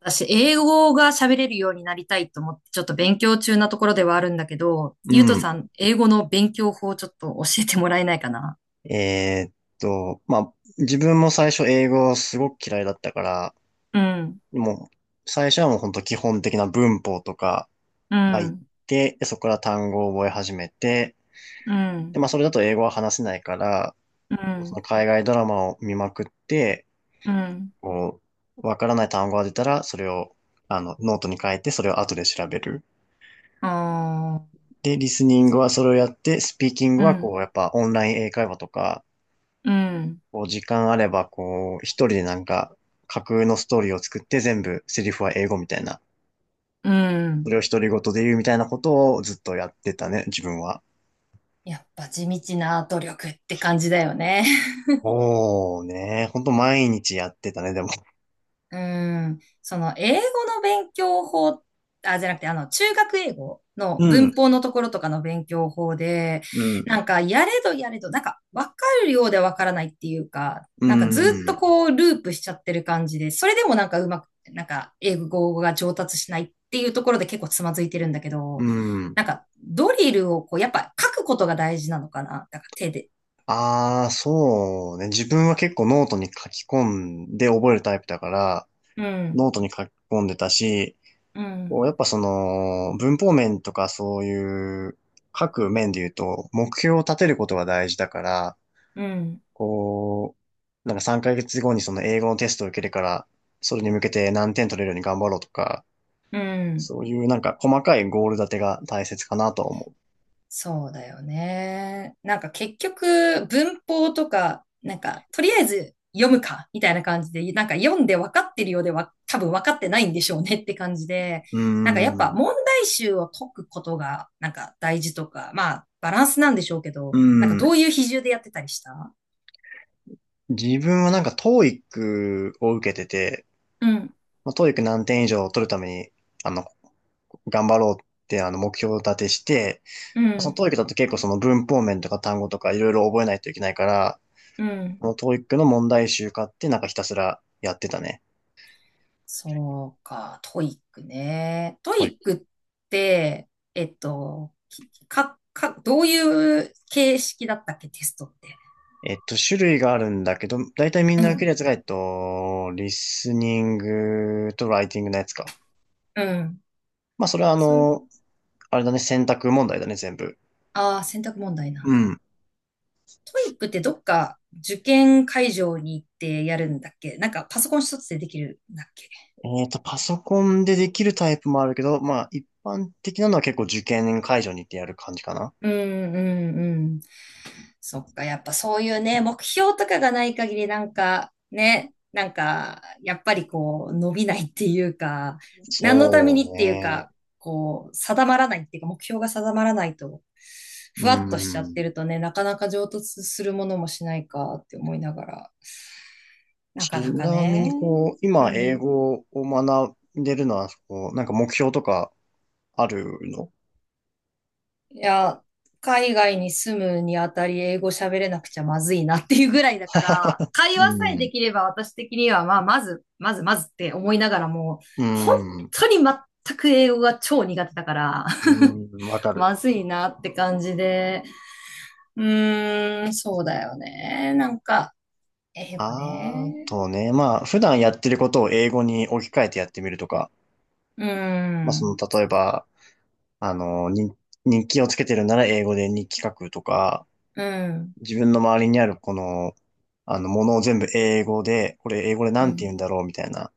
私、英語が喋れるようになりたいと思って、ちょっと勉強中なところではあるんだけど、ゆうとうん。さん、英語の勉強法をちょっと教えてもらえないかな？えーっと、まあ、自分も最初英語すごく嫌いだったから、うん、もう、最初はもう本当基本的な文法とかう入っん、て、そこから単語を覚え始めて、うで、ん、まあ、それだと英語は話せないから、うそのん、海外ドラマを見まくって、うん、こわからない単語が出たら、それを、あの、ノートに書いて、それを後で調べる。あで、リスニングはそれをやって、スピーキングーうはこん、う、やっぱオンライン英会話とか、うん、こう時間あれば、こう、一人でなんか、架空のストーリーを作って全部セリフは英語みたいな。うそん。れを独り言で言うみたいなことをずっとやってたね、自分は。やっぱ地道な努力って感じだよね。おーね、ほんと毎日やってたね、でも。うーん、その英語の勉強法、あ、じゃなくて、あの、中学英語のうん、文法のところとかの勉強法で、うん、なんか、やれどやれど、なんか、わかるようでわからないっていうか、うなんかずっとん、こう、ループしちゃってる感じで、それでもなんかうまく、なんか、英語が上達しないっていうところで結構つまずいてるんだけうど、ん。なんか、ドリルをこう、やっぱ書くことが大事なのかな、だから手で。ああ、そうね。自分は結構ノートに書き込んで覚えるタイプだから、うん、ノートに書き込んでたし、うん、やっぱその、文法面とかそういう、各面で言うと、目標を立てることが大事だから、うん、こなんか3ヶ月後にその英語のテストを受けるから、それに向けて何点取れるように頑張ろうとか、うん。そういうなんか細かいゴール立てが大切かなとは思そうだよね。なんか結局文法とか、なんかとりあえず読むかみたいな感じで、なんか読んで分かってるようでは多分分かってないんでしょうねって感じで、う。うなんかやっーぱん。問題集を解くことがなんか大事とか、まあバランスなんでしょうけうど、なんかん。どういう比重でやってたりした？自分はなんか TOEIC を受けてて、うん、まあ、TOEIC 何点以上取るために、あの、頑張ろうって目標を立てして、うそのん、ト o e i だと結構その文法面とか単語とかいろいろ覚えないといけないから、うん。このトーイックの問題集化ってなんかひたすらやってたね。そうか、トイックね。トはい。イックって、えっと、きか、か、どういう形式だったっけ、テストって。種類があるんだけど、だいたいみんうな受けん、るやつが、リスニングとライティングのやつか。うん。まあ、それはあそ、の、あれだね、選択問題だね、全部。ああ、選択問題なうんだ。ん。トイックってどっか受験会場に行ってやるんだっけ？なんかパソコン一つでできるんだっけ？パソコンでできるタイプもあるけど、まあ、一般的なのは結構受験会場に行ってやる感じかな。うん、うん、うん。そっか、やっぱそういうね、目標とかがない限りなんかね、なんかやっぱりこう伸びないっていうか、何のためそうにっていうね。か、こう定まらないっていうか、目標が定まらないと、うふわっとしちゃってん。るとね、なかなか上達するものもしないかって思いながら、なかちなかなみね、にう今英ん。語を学んでるのは、なんか目標とかあるの？いや、海外に住むにあたり英語喋れなくちゃまずいなっていうぐらいだから、会話うさえでん。きれば私的には、まあ、まずまずって思いながらも、う本ん。当に全く英語が超苦手だから、うん、わか る。まずいなって感じで、うーん、そうだよね。なんか、英語あね。とね、まあ、普段やってることを英語に置き換えてやってみるとか、うーまあ、その、ん、例えば、あの、に日記をつけてるなら英語で日記書くとか、うん、自分の周りにあるこの、あの、ものを全部英語で、これ英語でうなんてん、言うんだろうみたいな、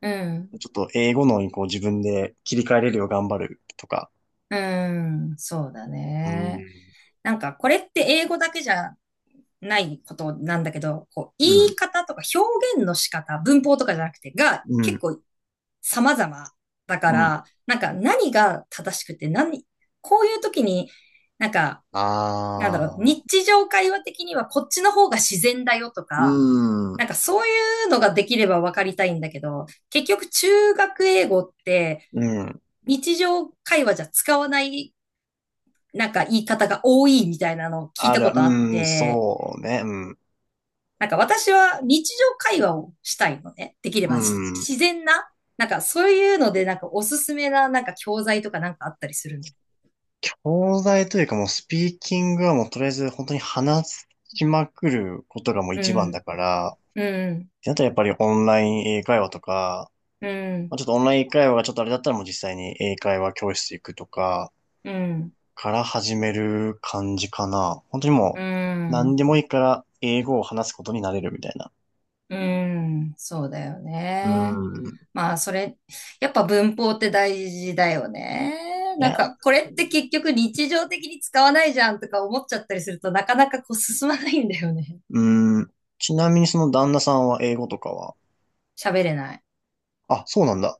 うん、ちょっと英語のにこう自分で切り替えれるよう頑張るとか、うん、そうだうん、ね。なんか、これって英語だけじゃないことなんだけど、こう、言ういん、方とか表現の仕方、文法とかじゃなくて、がう結ん、構様々だかうん。ら、なんか何が正しくて、何、こういう時に、なんか、なんだあろう、あ、日常会話的にはこっちの方が自然だよとうか、なん、んかそういうのができれば分かりたいんだけど、結局中学英語ってうん。日常会話じゃ使わないなんか言い方が多いみたいなのを聞いあたる、ことあっうん、て、そうね、うん、なんか私は日常会話をしたいのね。できれうばん。自然な。なんかそういうので、なんかおすすめな、なんか教材とかなんかあったりするの。東大というかもうスピーキングはもうとりあえず本当に話しまくることがもうう一番だん、から、っうん、てなったらやっぱりオンライン英会話とか、うまん、あ、ちょっとオンライン英会話がちょっとあれだったらもう実際に英会話教室行くとかうん、から始める感じかな。本当にもうう何ん、でもいいから英語を話すことになれるみたいな。うん、そうだようね。ん。まあそれ、やっぱ文法って大事だよね。いなんやかこれって結局日常的に使わないじゃんとか思っちゃったりするとなかなかこう進まないんだよね。うーん。ちなみにその旦那さんは英語とかは？喋れない。あ、そうなんだ。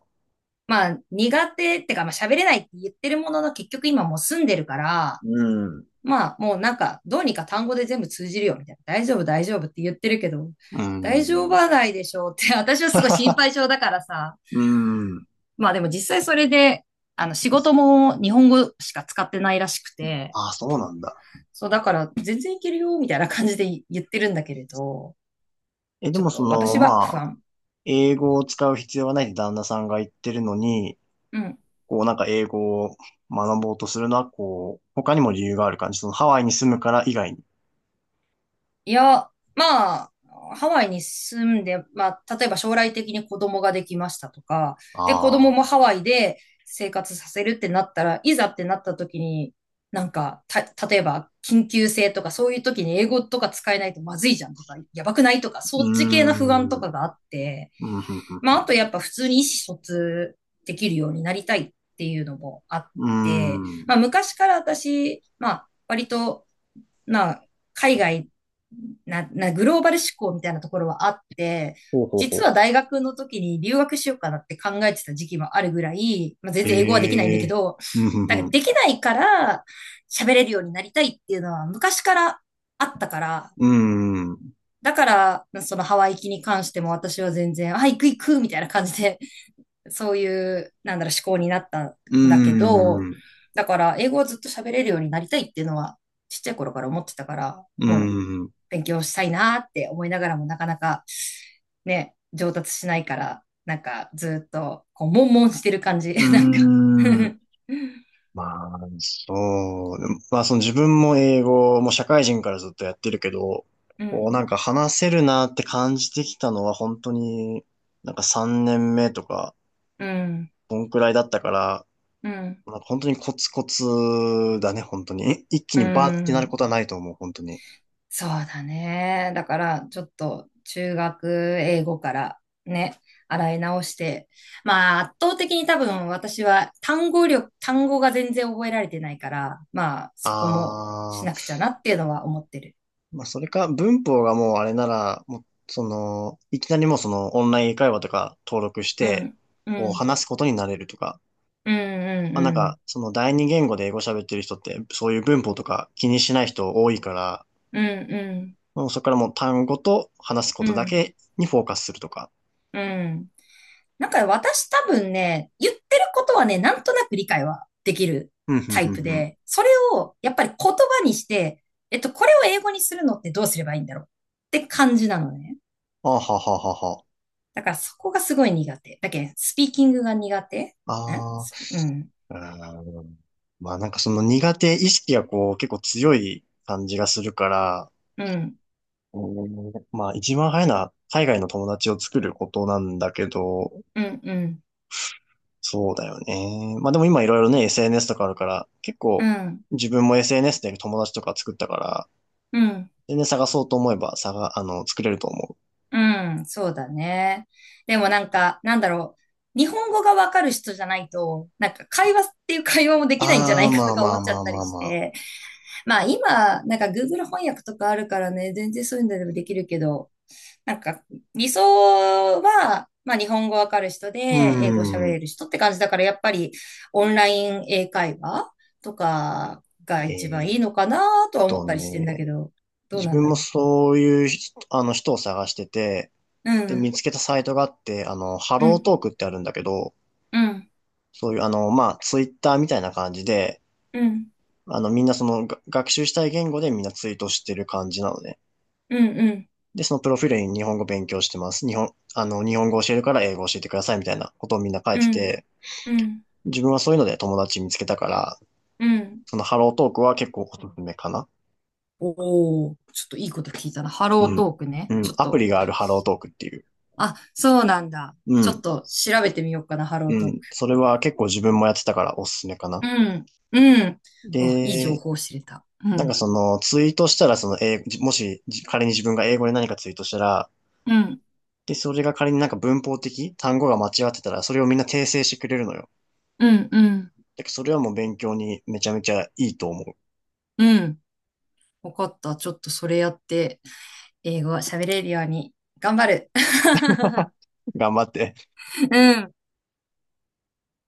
まあ、苦手ってか、まあ、喋れないって言ってるものの、結局今もう住んでるから、うん。うまあ、もうなんか、どうにか単語で全部通じるよ、みたいな。大丈夫、大丈夫って言ってるけど、ー大丈夫ん。はないでしょうって、私はすごい心配性だからさ。うーん。まあでも実際それで、あの、仕事も日本語しか使ってないらしくて、あ、そうなんだ。そう、だから全然いけるよ、みたいな感じで言ってるんだけれど、でちょっもそとの、私は不まあ、安。英語を使う必要はないって旦那さんが言ってるのに、うん。こうなんか英語を学ぼうとするのは、こう、他にも理由がある感じ？そのハワイに住むから以外に。いや、まあ、ハワイに住んで、まあ、例えば将来的に子供ができましたとか、で、子あ供もあ。ハワイで生活させるってなったら、いざってなった時に、なんか、例えば、緊急性とか、そういう時に英語とか使えないとまずいじゃんとか、やばくないとか、うそっち系の不安とーん。かがあって、うん、ふんふんふまあ、あん。とやっぱ普通に意思疎通できるようになりたいっていうのもあっうーて、まん。あ、昔から私、まあ、割と、まあ、海外な、な、グローバル志向みたいなところはあって、ほうほうほ実はう。大学の時に留学しようかなって考えてた時期もあるぐらい、まあ、全然英語はできないんだへけえ。ど、うん、ふんふだからん。できないから喋れるようになりたいっていうのは昔からあったから、うーん。うだから、そのハワイ行きに関しても私は全然、あ、行く行くみたいな感じで、そういう、なんだろう、思考になったんーだけど、ん。だから、英語をずっと喋れるようになりたいっていうのは、ちっちゃい頃から思ってたから、うーん。勉強したいなって思いながらもなかなかね、上達しないから、なんかずっとこう、悶々してる感じ。う なんか ーん。まあ、そでもまあ、その自分も英語も社会人からずっとやってるけど、うこん、うなんか話せるなって感じてきたのは本当になんか3年目とか、うん、こんくらいだったから、うん、まあ、本当にコツコツだね、本当に。一気うにバーってなるん。ことはないと思う、本当に。そうだね。だから、ちょっと中学英語からね、洗い直して、まあ、圧倒的に多分私は単語が全然覚えられてないから、まあ、そこもしああ、なくちゃなっていうのは思ってる。まあ、それか文法がもうあれなら、もう、その、いきなりもうそのオンライン英会話とか登録しうて、ん、うこうん、話すことになれるとか。うん、うん、まあなんうん。か、その第二言語で英語喋ってる人って、そういう文法とか気にしない人多いから、うん、もうそこからもう単語と話すこうん、とうだん、けにフォーカスするとか。うん。なんか私多分ね、言ってることはね、なんとなく理解はできるうん、うんタうイプんうん。で、それをやっぱり言葉にして、これを英語にするのってどうすればいいんだろうって感じなのね。あはははは。だからそこがすごい苦手。だけど、スピーキングが苦手んああ、すうん、うーん。まあなんかその苦手意識がこう結構強い感じがするから、うん、うまあ一番早いのは海外の友達を作ることなんだけど、うん、うん、そうだよね。まあでも今いろいろね、SNS とかあるから、結う構ん、自分も SNS で友達とか作ったから、うん。全然探そうと思えば、あの、作れると思う。うん、そうだね。でもなんか、なんだろう。日本語がわかる人じゃないと、なんか会話っていう会話もできないんじゃなあー、いかまとあかま思あっちゃまっあたまりあしまあ。て。まあ今、なんか Google 翻訳とかあるからね、全然そういうのでもできるけど、なんか理想は、まあ日本語わかる人でう英語喋ーれん。る人って感じだから、やっぱりオンライン英会話とかがえ一番いーいっのかなとは思っとたりしてんだけね、ど、どう自なん分だもろそういう人、人を探してて、う。うで、見ん、つけたサイトがあって、あの、ハうローん、トークってあるんだけど、うん、そういう、あの、まあ、ツイッターみたいな感じで、うん。あの、みんな学習したい言語でみんなツイートしてる感じなのね。うん、うん、で、そのプロフィールに日本語勉強してます。日本語教えるから英語教えてくださいみたいなことをみんな書いうてん、て、うん、自分はそういうので友達見つけたから、うん、そのハロートークは結構おすすめかな。おおー、ちょっといいこと聞いたな。ハローうん。トークうね。ちん。ょっアプと。リがあるハロートークっていう。あ、そうなんだ。うちょっん。と調べてみようかな、ハロうートーク。ん。それは結構自分もやってたからおすすめかな。うん、うん。お、いい情で、報を知れた。うなんかん、そのツイートしたらその英語、もしじ仮に自分が英語で何かツイートしたら、うん、で、それが仮になんか文法的、単語が間違ってたら、それをみんな訂正してくれるのよ。うん、うん、だからそれはもう勉強にめちゃめちゃいいと思う。うん。わかった。ちょっとそれやって、英語喋れるように頑張る。頑張って。うん。